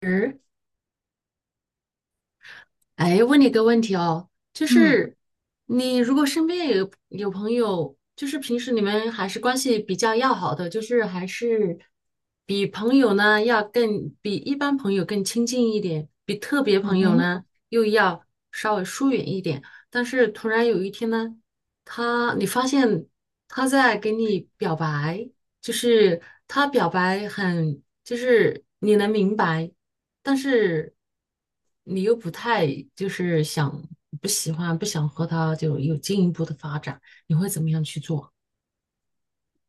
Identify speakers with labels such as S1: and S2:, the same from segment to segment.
S1: 嗯，哎，问你一个问题哦，就
S2: 嗯
S1: 是你如果身边有朋友，就是平时你们还是关系比较要好的，就是还是比朋友呢要更比一般朋友更亲近一点，比特别朋
S2: 嗯
S1: 友
S2: 哼。
S1: 呢又要稍微疏远一点。但是突然有一天呢，你发现他在给你表白，就是他表白很，就是你能明白。但是你又不太就是想不喜欢不想和他就有进一步的发展，你会怎么样去做？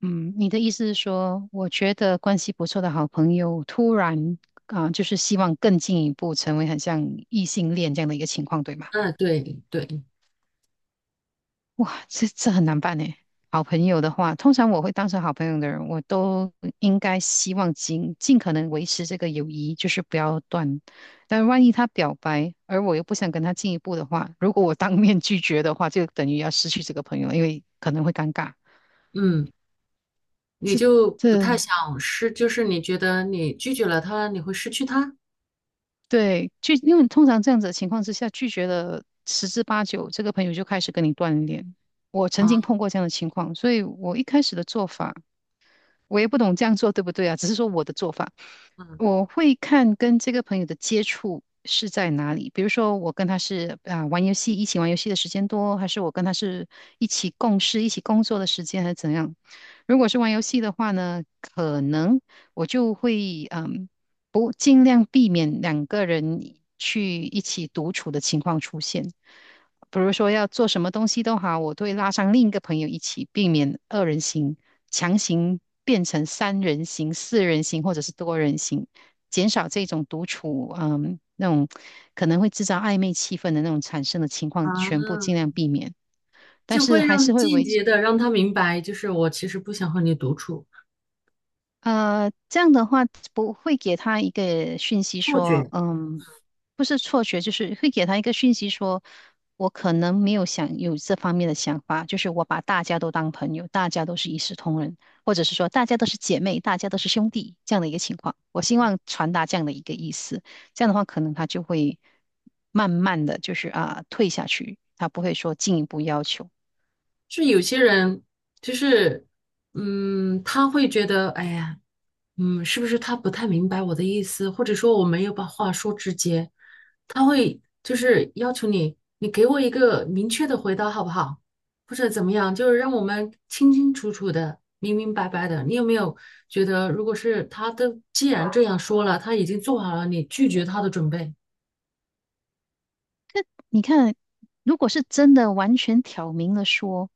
S2: 嗯，你的意思是说，我觉得关系不错的好朋友，突然就是希望更进一步成为很像异性恋这样的一个情况，对吗？
S1: 嗯，对对，
S2: 哇，这很难办呢。好朋友的话，通常我会当成好朋友的人，我都应该希望尽可能维持这个友谊，就是不要断。但万一他表白，而我又不想跟他进一步的话，如果我当面拒绝的话，就等于要失去这个朋友了因为可能会尴尬。
S1: 嗯，你就不
S2: 这
S1: 太想失，就是你觉得你拒绝了他，你会失去他
S2: 对，因为通常这样子的情况之下，拒绝了十之八九，这个朋友就开始跟你断联。我曾经
S1: 啊。
S2: 碰过这样的情况，所以我一开始的做法，我也不懂这样做对不对啊，只是说我的做法。
S1: 嗯
S2: 我会看跟这个朋友的接触是在哪里，比如说我跟他是玩游戏，一起玩游戏的时间多，还是我跟他是一起共事、一起工作的时间，还是怎样？如果是玩游戏的话呢，可能我就会不尽量避免两个人去一起独处的情况出现。比如说要做什么东西都好，我都会拉上另一个朋友一起，避免二人行，强行变成三人行、四人行或者是多人行。减少这种独处，那种可能会制造暧昧气氛的那种产生的情况，全部尽
S1: 啊，
S2: 量避免。但
S1: 就
S2: 是
S1: 会
S2: 还是
S1: 让
S2: 会
S1: 间
S2: 维
S1: 接的让他明白，就是我其实不想和你独处，
S2: 呃，这样的话不会给他一个讯息
S1: 错
S2: 说，
S1: 觉。
S2: 不是错觉，就是会给他一个讯息说，我可能没有想有这方面的想法，就是我把大家都当朋友，大家都是一视同仁，或者是说大家都是姐妹，大家都是兄弟这样的一个情况。我希望传达这样的一个意思，这样的话可能他就会慢慢的就是退下去，他不会说进一步要求。
S1: 就有些人就是，嗯，他会觉得，哎呀，嗯，是不是他不太明白我的意思，或者说我没有把话说直接，他会就是要求你，你给我一个明确的回答好不好，或者怎么样，就是让我们清清楚楚的、明明白白的。你有没有觉得，如果是他都既然这样说了，他已经做好了你拒绝他的准备
S2: 你看，如果是真的完全挑明了说，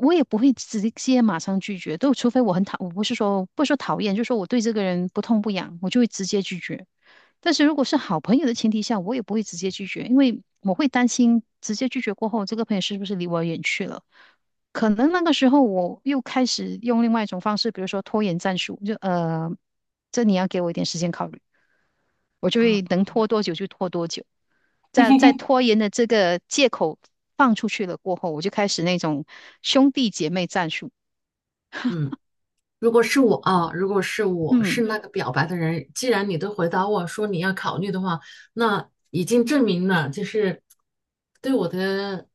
S2: 我也不会直接马上拒绝，都除非我很讨，我不是说讨厌，就是说我对这个人不痛不痒，我就会直接拒绝。但是如果是好朋友的前提下，我也不会直接拒绝，因为我会担心直接拒绝过后，这个朋友是不是离我远去了？可能那个时候我又开始用另外一种方式，比如说拖延战术，这你要给我一点时间考虑，我就
S1: 啊？
S2: 会能拖多久就拖多久。在拖延的这个借口放出去了过后，我就开始那种兄弟姐妹战术。
S1: 嗯。如果是我啊，如果是我
S2: 嗯。
S1: 是那个表白的人，既然你都回答我说你要考虑的话，那已经证明了就是对我的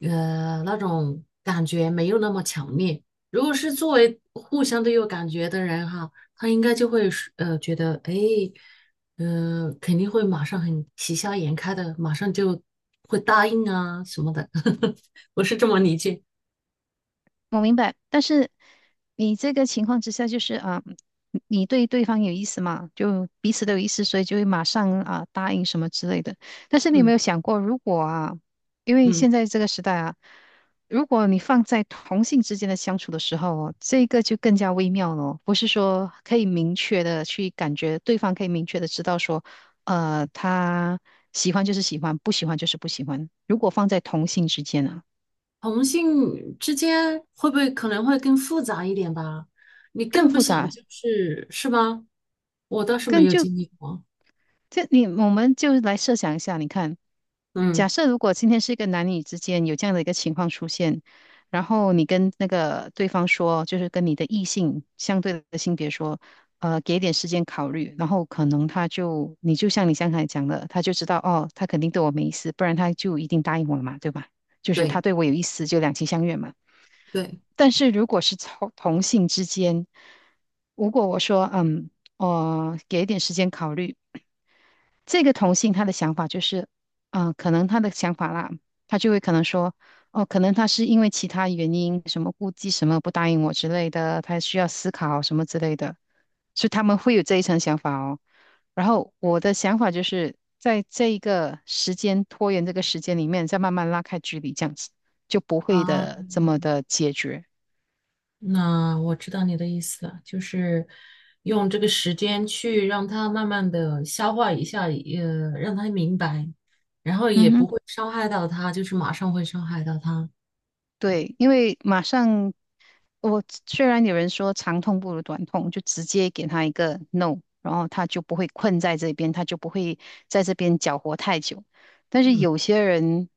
S1: 那种感觉没有那么强烈。如果是作为互相都有感觉的人哈，他应该就会是觉得哎，肯定会马上很喜笑颜开的，马上就会答应啊什么的。我是这么理解，
S2: 我明白，但是你这个情况之下，就是啊，你对对方有意思嘛，就彼此都有意思，所以就会马上答应什么之类的。但是你有没
S1: 嗯
S2: 有想过，如果啊，因为
S1: 嗯。
S2: 现在这个时代啊，如果你放在同性之间的相处的时候哦，这个就更加微妙了哦不是说可以明确的去感觉对方可以明确的知道说，他喜欢就是喜欢，不喜欢就是不喜欢。如果放在同性之间啊，
S1: 同性之间会不会可能会更复杂一点吧？你
S2: 更
S1: 更不
S2: 复
S1: 想
S2: 杂。
S1: 就是是吧？我倒是没
S2: 更
S1: 有
S2: 就
S1: 经历过。
S2: 就你，我们就来设想一下，你看，
S1: 嗯，
S2: 假设如果今天是一个男女之间有这样的一个情况出现，然后你跟那个对方说，就是跟你的异性相对的性别说，给点时间考虑，然后可能他就，你就像你刚才讲的，他就知道哦，他肯定对我没意思，不然他就一定答应我了嘛，对吧？就是他
S1: 对
S2: 对我有意思，就两情相悦嘛。
S1: 对，
S2: 但是如果是同性之间，如果我说，嗯，给一点时间考虑。这个同性他的想法就是，嗯，可能他的想法啦，他就会可能说，哦，可能他是因为其他原因，什么顾忌什么不答应我之类的，他需要思考什么之类的，所以他们会有这一层想法哦。然后我的想法就是在这一个时间拖延这个时间里面，再慢慢拉开距离，这样子就不会
S1: 啊，
S2: 的这么的解决。
S1: 那我知道你的意思了，就是用这个时间去让他慢慢的消化一下，让他明白
S2: 嗯哼。
S1: 会伤害到他，就是马上会伤害到他。
S2: 对，因为马上我虽然有人说长痛不如短痛，就直接给他一个 no，然后他就不会困在这边，他就不会在这边搅和太久。但是
S1: 嗯。
S2: 有些人，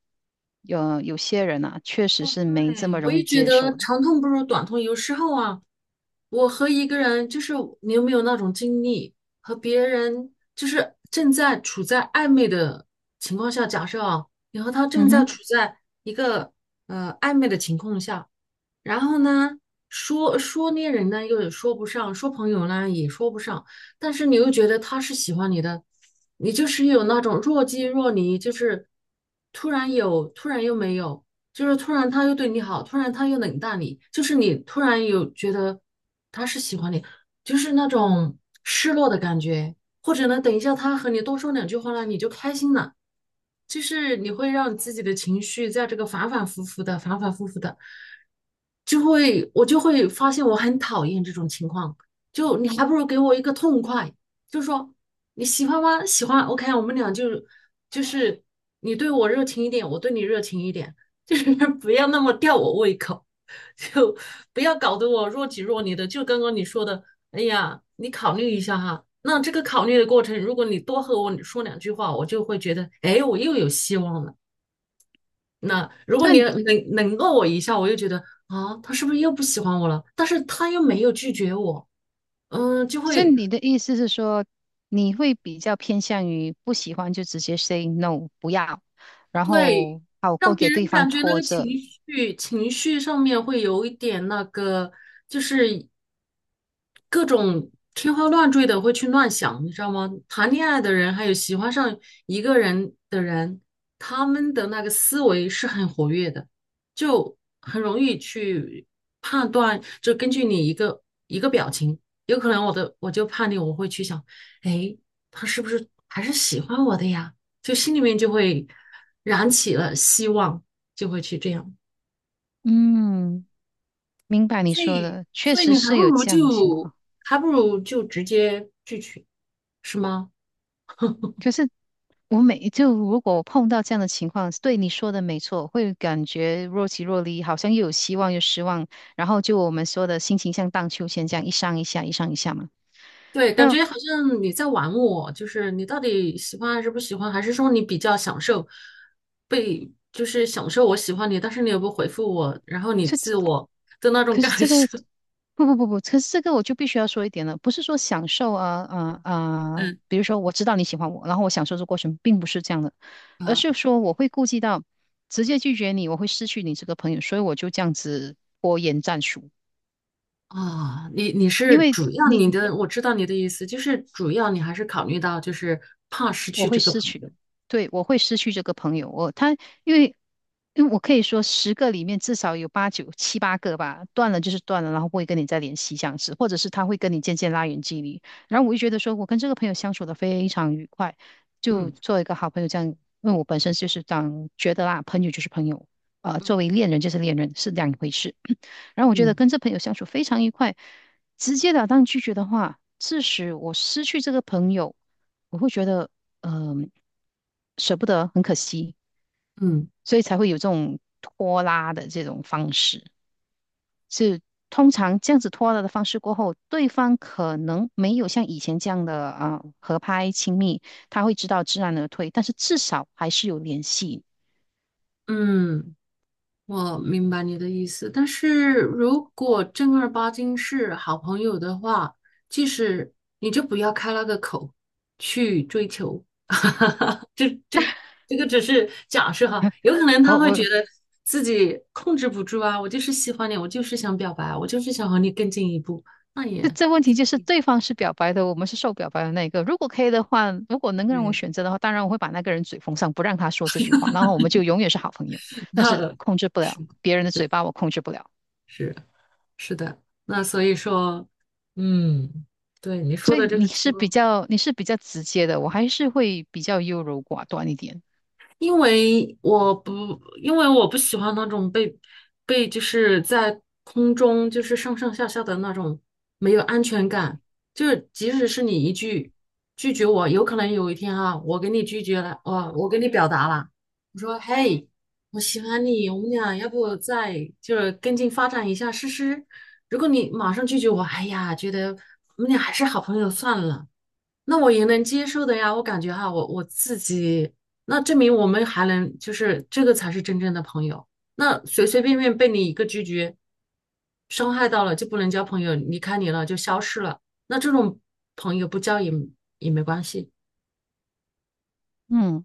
S2: 有些人啊，确实
S1: 哦，
S2: 是没这
S1: 对，
S2: 么
S1: 我
S2: 容
S1: 也
S2: 易
S1: 觉
S2: 接
S1: 得
S2: 受的。
S1: 长痛不如短痛。有时候啊，我和一个人，就是你有没有那种经历，和别人就是正在处在暧昧的情况下，假设啊，你和他正
S2: 嗯
S1: 在
S2: 哼，
S1: 处在一个暧昧的情况下，然后呢，说说恋人呢，又说不上；说朋友呢，也说不上。但是你又觉得他是喜欢你的，你就是有那种若即若离，就是突然有，突然又没有，就是突然他又对你好，突然他又冷淡你，就是你突然有觉得他是喜欢你，就是那种失落的感觉。或者呢，等一下他和你多说两句话呢，你就开心了。就是你会让自己的情绪在这个反反复复的、反反复复的，就会我就会发现我很讨厌这种情况。就你还不如给我一个痛快，就说你喜欢吗？喜欢，OK,啊我们俩就就是你对我热情一点，我对你热情一点，就是 不要那么吊我胃口。就不要搞得我若即若离的。就刚刚你说的，哎呀，你考虑一下哈。那这个考虑的过程，如果你多和我说两句话，我就会觉得，哎，我又有希望了。那如果
S2: 所
S1: 你
S2: 以
S1: 冷落我一下，我又觉得啊，他是不是又不喜欢我了？但是他又没有拒绝我，嗯，就
S2: 所以
S1: 会
S2: 你的意思是说，你会比较偏向于不喜欢就直接 say no，不要，然
S1: 对
S2: 后好过
S1: 让别
S2: 给对
S1: 人
S2: 方
S1: 感觉那
S2: 拖
S1: 个情
S2: 着。
S1: 绪情绪上面会有一点那个，就是各种天花乱坠的会去乱想，你知道吗？谈恋爱的人，还有喜欢上一个人的人，他们的那个思维是很活跃的，就很容易去判断，就根据你一个一个表情，有可能我的我就判定我会去想，哎，他是不是还是喜欢我的呀？就心里面就会燃起了希望，就会去这样。
S2: 嗯。明白你
S1: 所
S2: 说
S1: 以
S2: 的，确
S1: 所以
S2: 实
S1: 你还
S2: 是
S1: 不
S2: 有
S1: 如
S2: 这样的情
S1: 就
S2: 况。
S1: 还不如就直接拒绝，是吗？
S2: 可是我每就如果我碰到这样的情况，对你说的没错，会感觉若即若离，好像又有希望又失望，然后就我们说的心情像荡秋千这样一上一下，一上一下嘛。
S1: 对，感
S2: 那
S1: 觉好像你在玩我，就是你到底喜欢还是不喜欢，还是说你比较享受被，就是享受我喜欢你，但是你又不回复我，然后你自
S2: 这
S1: 我的那种
S2: 可
S1: 感
S2: 是这个
S1: 受。
S2: 不不不不，可是这个我就必须要说一点了，不是说享受，
S1: 嗯
S2: 比如说我知道你喜欢我，然后我享受这过程，并不是这样的，而
S1: 啊。
S2: 是说我会顾及到直接拒绝你，我会失去你这个朋友，所以我就这样子拖延战术，
S1: 你你
S2: 因
S1: 是
S2: 为。
S1: 主要
S2: 你。
S1: 你的，我知道你的意思，就是主要你还是考虑到就是怕失
S2: 我
S1: 去
S2: 会
S1: 这个
S2: 失
S1: 朋
S2: 去，
S1: 友。
S2: 对，我会失去这个朋友。我他因为因为我可以说十个里面至少有八九七八个吧，断了就是断了，然后不会跟你再联系这样子，或者是他会跟你渐渐拉远距离。然后我就觉得说我跟这个朋友相处的非常愉快，就
S1: 嗯
S2: 做一个好朋友这样。因为我本身就是当觉得啦，朋友就是朋友，作为恋人就是恋人是两回事。然后我觉得
S1: 嗯
S2: 跟这朋友相处非常愉快，直截了当拒绝的话，致使我失去这个朋友，我会觉得嗯、舍不得，很可惜，
S1: 嗯
S2: 所以才会有这种拖拉的这种方式。是通常这样子拖拉的方式过后，对方可能没有像以前这样的合拍亲密，他会知道知难而退，但是至少还是有联系。
S1: 嗯。我明白你的意思，但是如果正儿八经是好朋友的话，即使你就不要开那个口去追求，这这这个只是假设哈，有可能
S2: 我
S1: 他会觉
S2: 我。
S1: 得自己控制不住啊，我就是喜欢你，我就是想表白啊，我就是想和你更进一步，那也
S2: 这
S1: 嗯，
S2: 这问题就是对方是表白的，我们是受表白的那一个。如果可以的话，如果能够让我
S1: 对，
S2: 选择的话，当然我会把那个人嘴封上，不让他说这句话，然后我们就永远是好朋友。但是
S1: 那
S2: 控制不了
S1: 是
S2: 别人的嘴巴，我控制不了。
S1: 是是的，那所以说，嗯，对你说
S2: 所以
S1: 的这个情况。
S2: 你是比较直接的，我还是会比较优柔寡断一点。
S1: 因为我不喜欢那种被就是在空中就是上上下下的那种没有安全感，就是即使是你一句拒绝我，有可能有一天啊，我给你拒绝了，我给你表达了，我说嘿，我喜欢你，我们俩要不再就是跟进发展一下试试？如果你马上拒绝我，哎呀，觉得我们俩还是好朋友算了。那我也能接受的呀，我感觉哈，我我自己，那证明我们还能，就是这个才是真正的朋友。那随随便便被你一个拒绝，伤害到了就不能交朋友，离开你了就消失了。那这种朋友不交也也没关系，
S2: 嗯，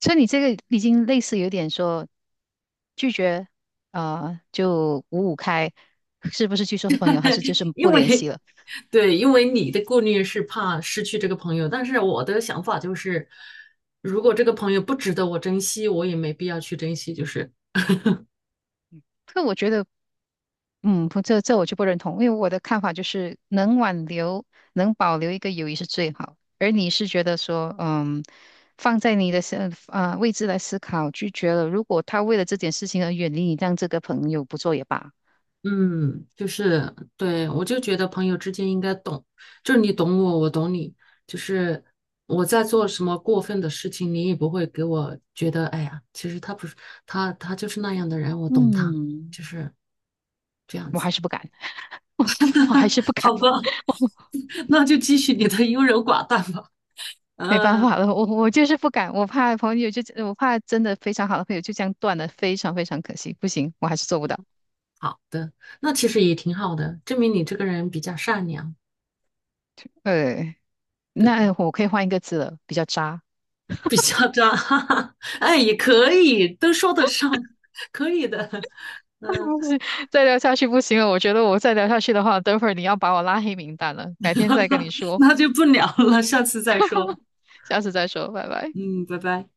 S2: 所以你这个已经类似有点说拒绝，就五五开，是不是拒收朋友，还是就是不
S1: 因
S2: 联系
S1: 为
S2: 了？
S1: 对，因为你的顾虑是怕失去这个朋友，但是我的想法就是，如果这个朋友不值得我珍惜，我也没必要去珍惜，就是。
S2: 可我觉得嗯，不，这我就不认同，因为我的看法就是能挽留、能保留一个友谊是最好。而你是觉得说，嗯，放在你的位置来思考，拒绝了，如果他为了这件事情而远离你，让这个朋友不做也罢。
S1: 嗯，就是对，我就觉得朋友之间应该懂，就是你懂我，我懂你，就是我在做什么过分的事情，你也不会给我觉得，哎呀，其实他不是他，他就是那样的人，我懂他，
S2: 嗯，
S1: 就是这样
S2: 我还
S1: 子。
S2: 是不敢，我我还 是不敢，
S1: 好吧，
S2: 我
S1: 那就继续你的优柔寡断吧。
S2: 没办
S1: 嗯，
S2: 法了，我就是不敢，我怕朋友就我怕真的非常好的朋友就这样断了，非常非常可惜，不行，我还是做不到。
S1: 好的，那其实也挺好的，证明你这个人比较善良。
S2: 呃，
S1: 对，
S2: 那我可以换一个字了，比较渣。
S1: 比较渣，哈哈，哎，也可以，都说得上，可以的，嗯，
S2: 不行，再聊下去不行了，我觉得我再聊下去的话，等会儿你要把我拉黑名单了。改天再跟你说，
S1: 那就不聊了，下次再说，
S2: 下次再说，拜拜。
S1: 嗯，拜拜。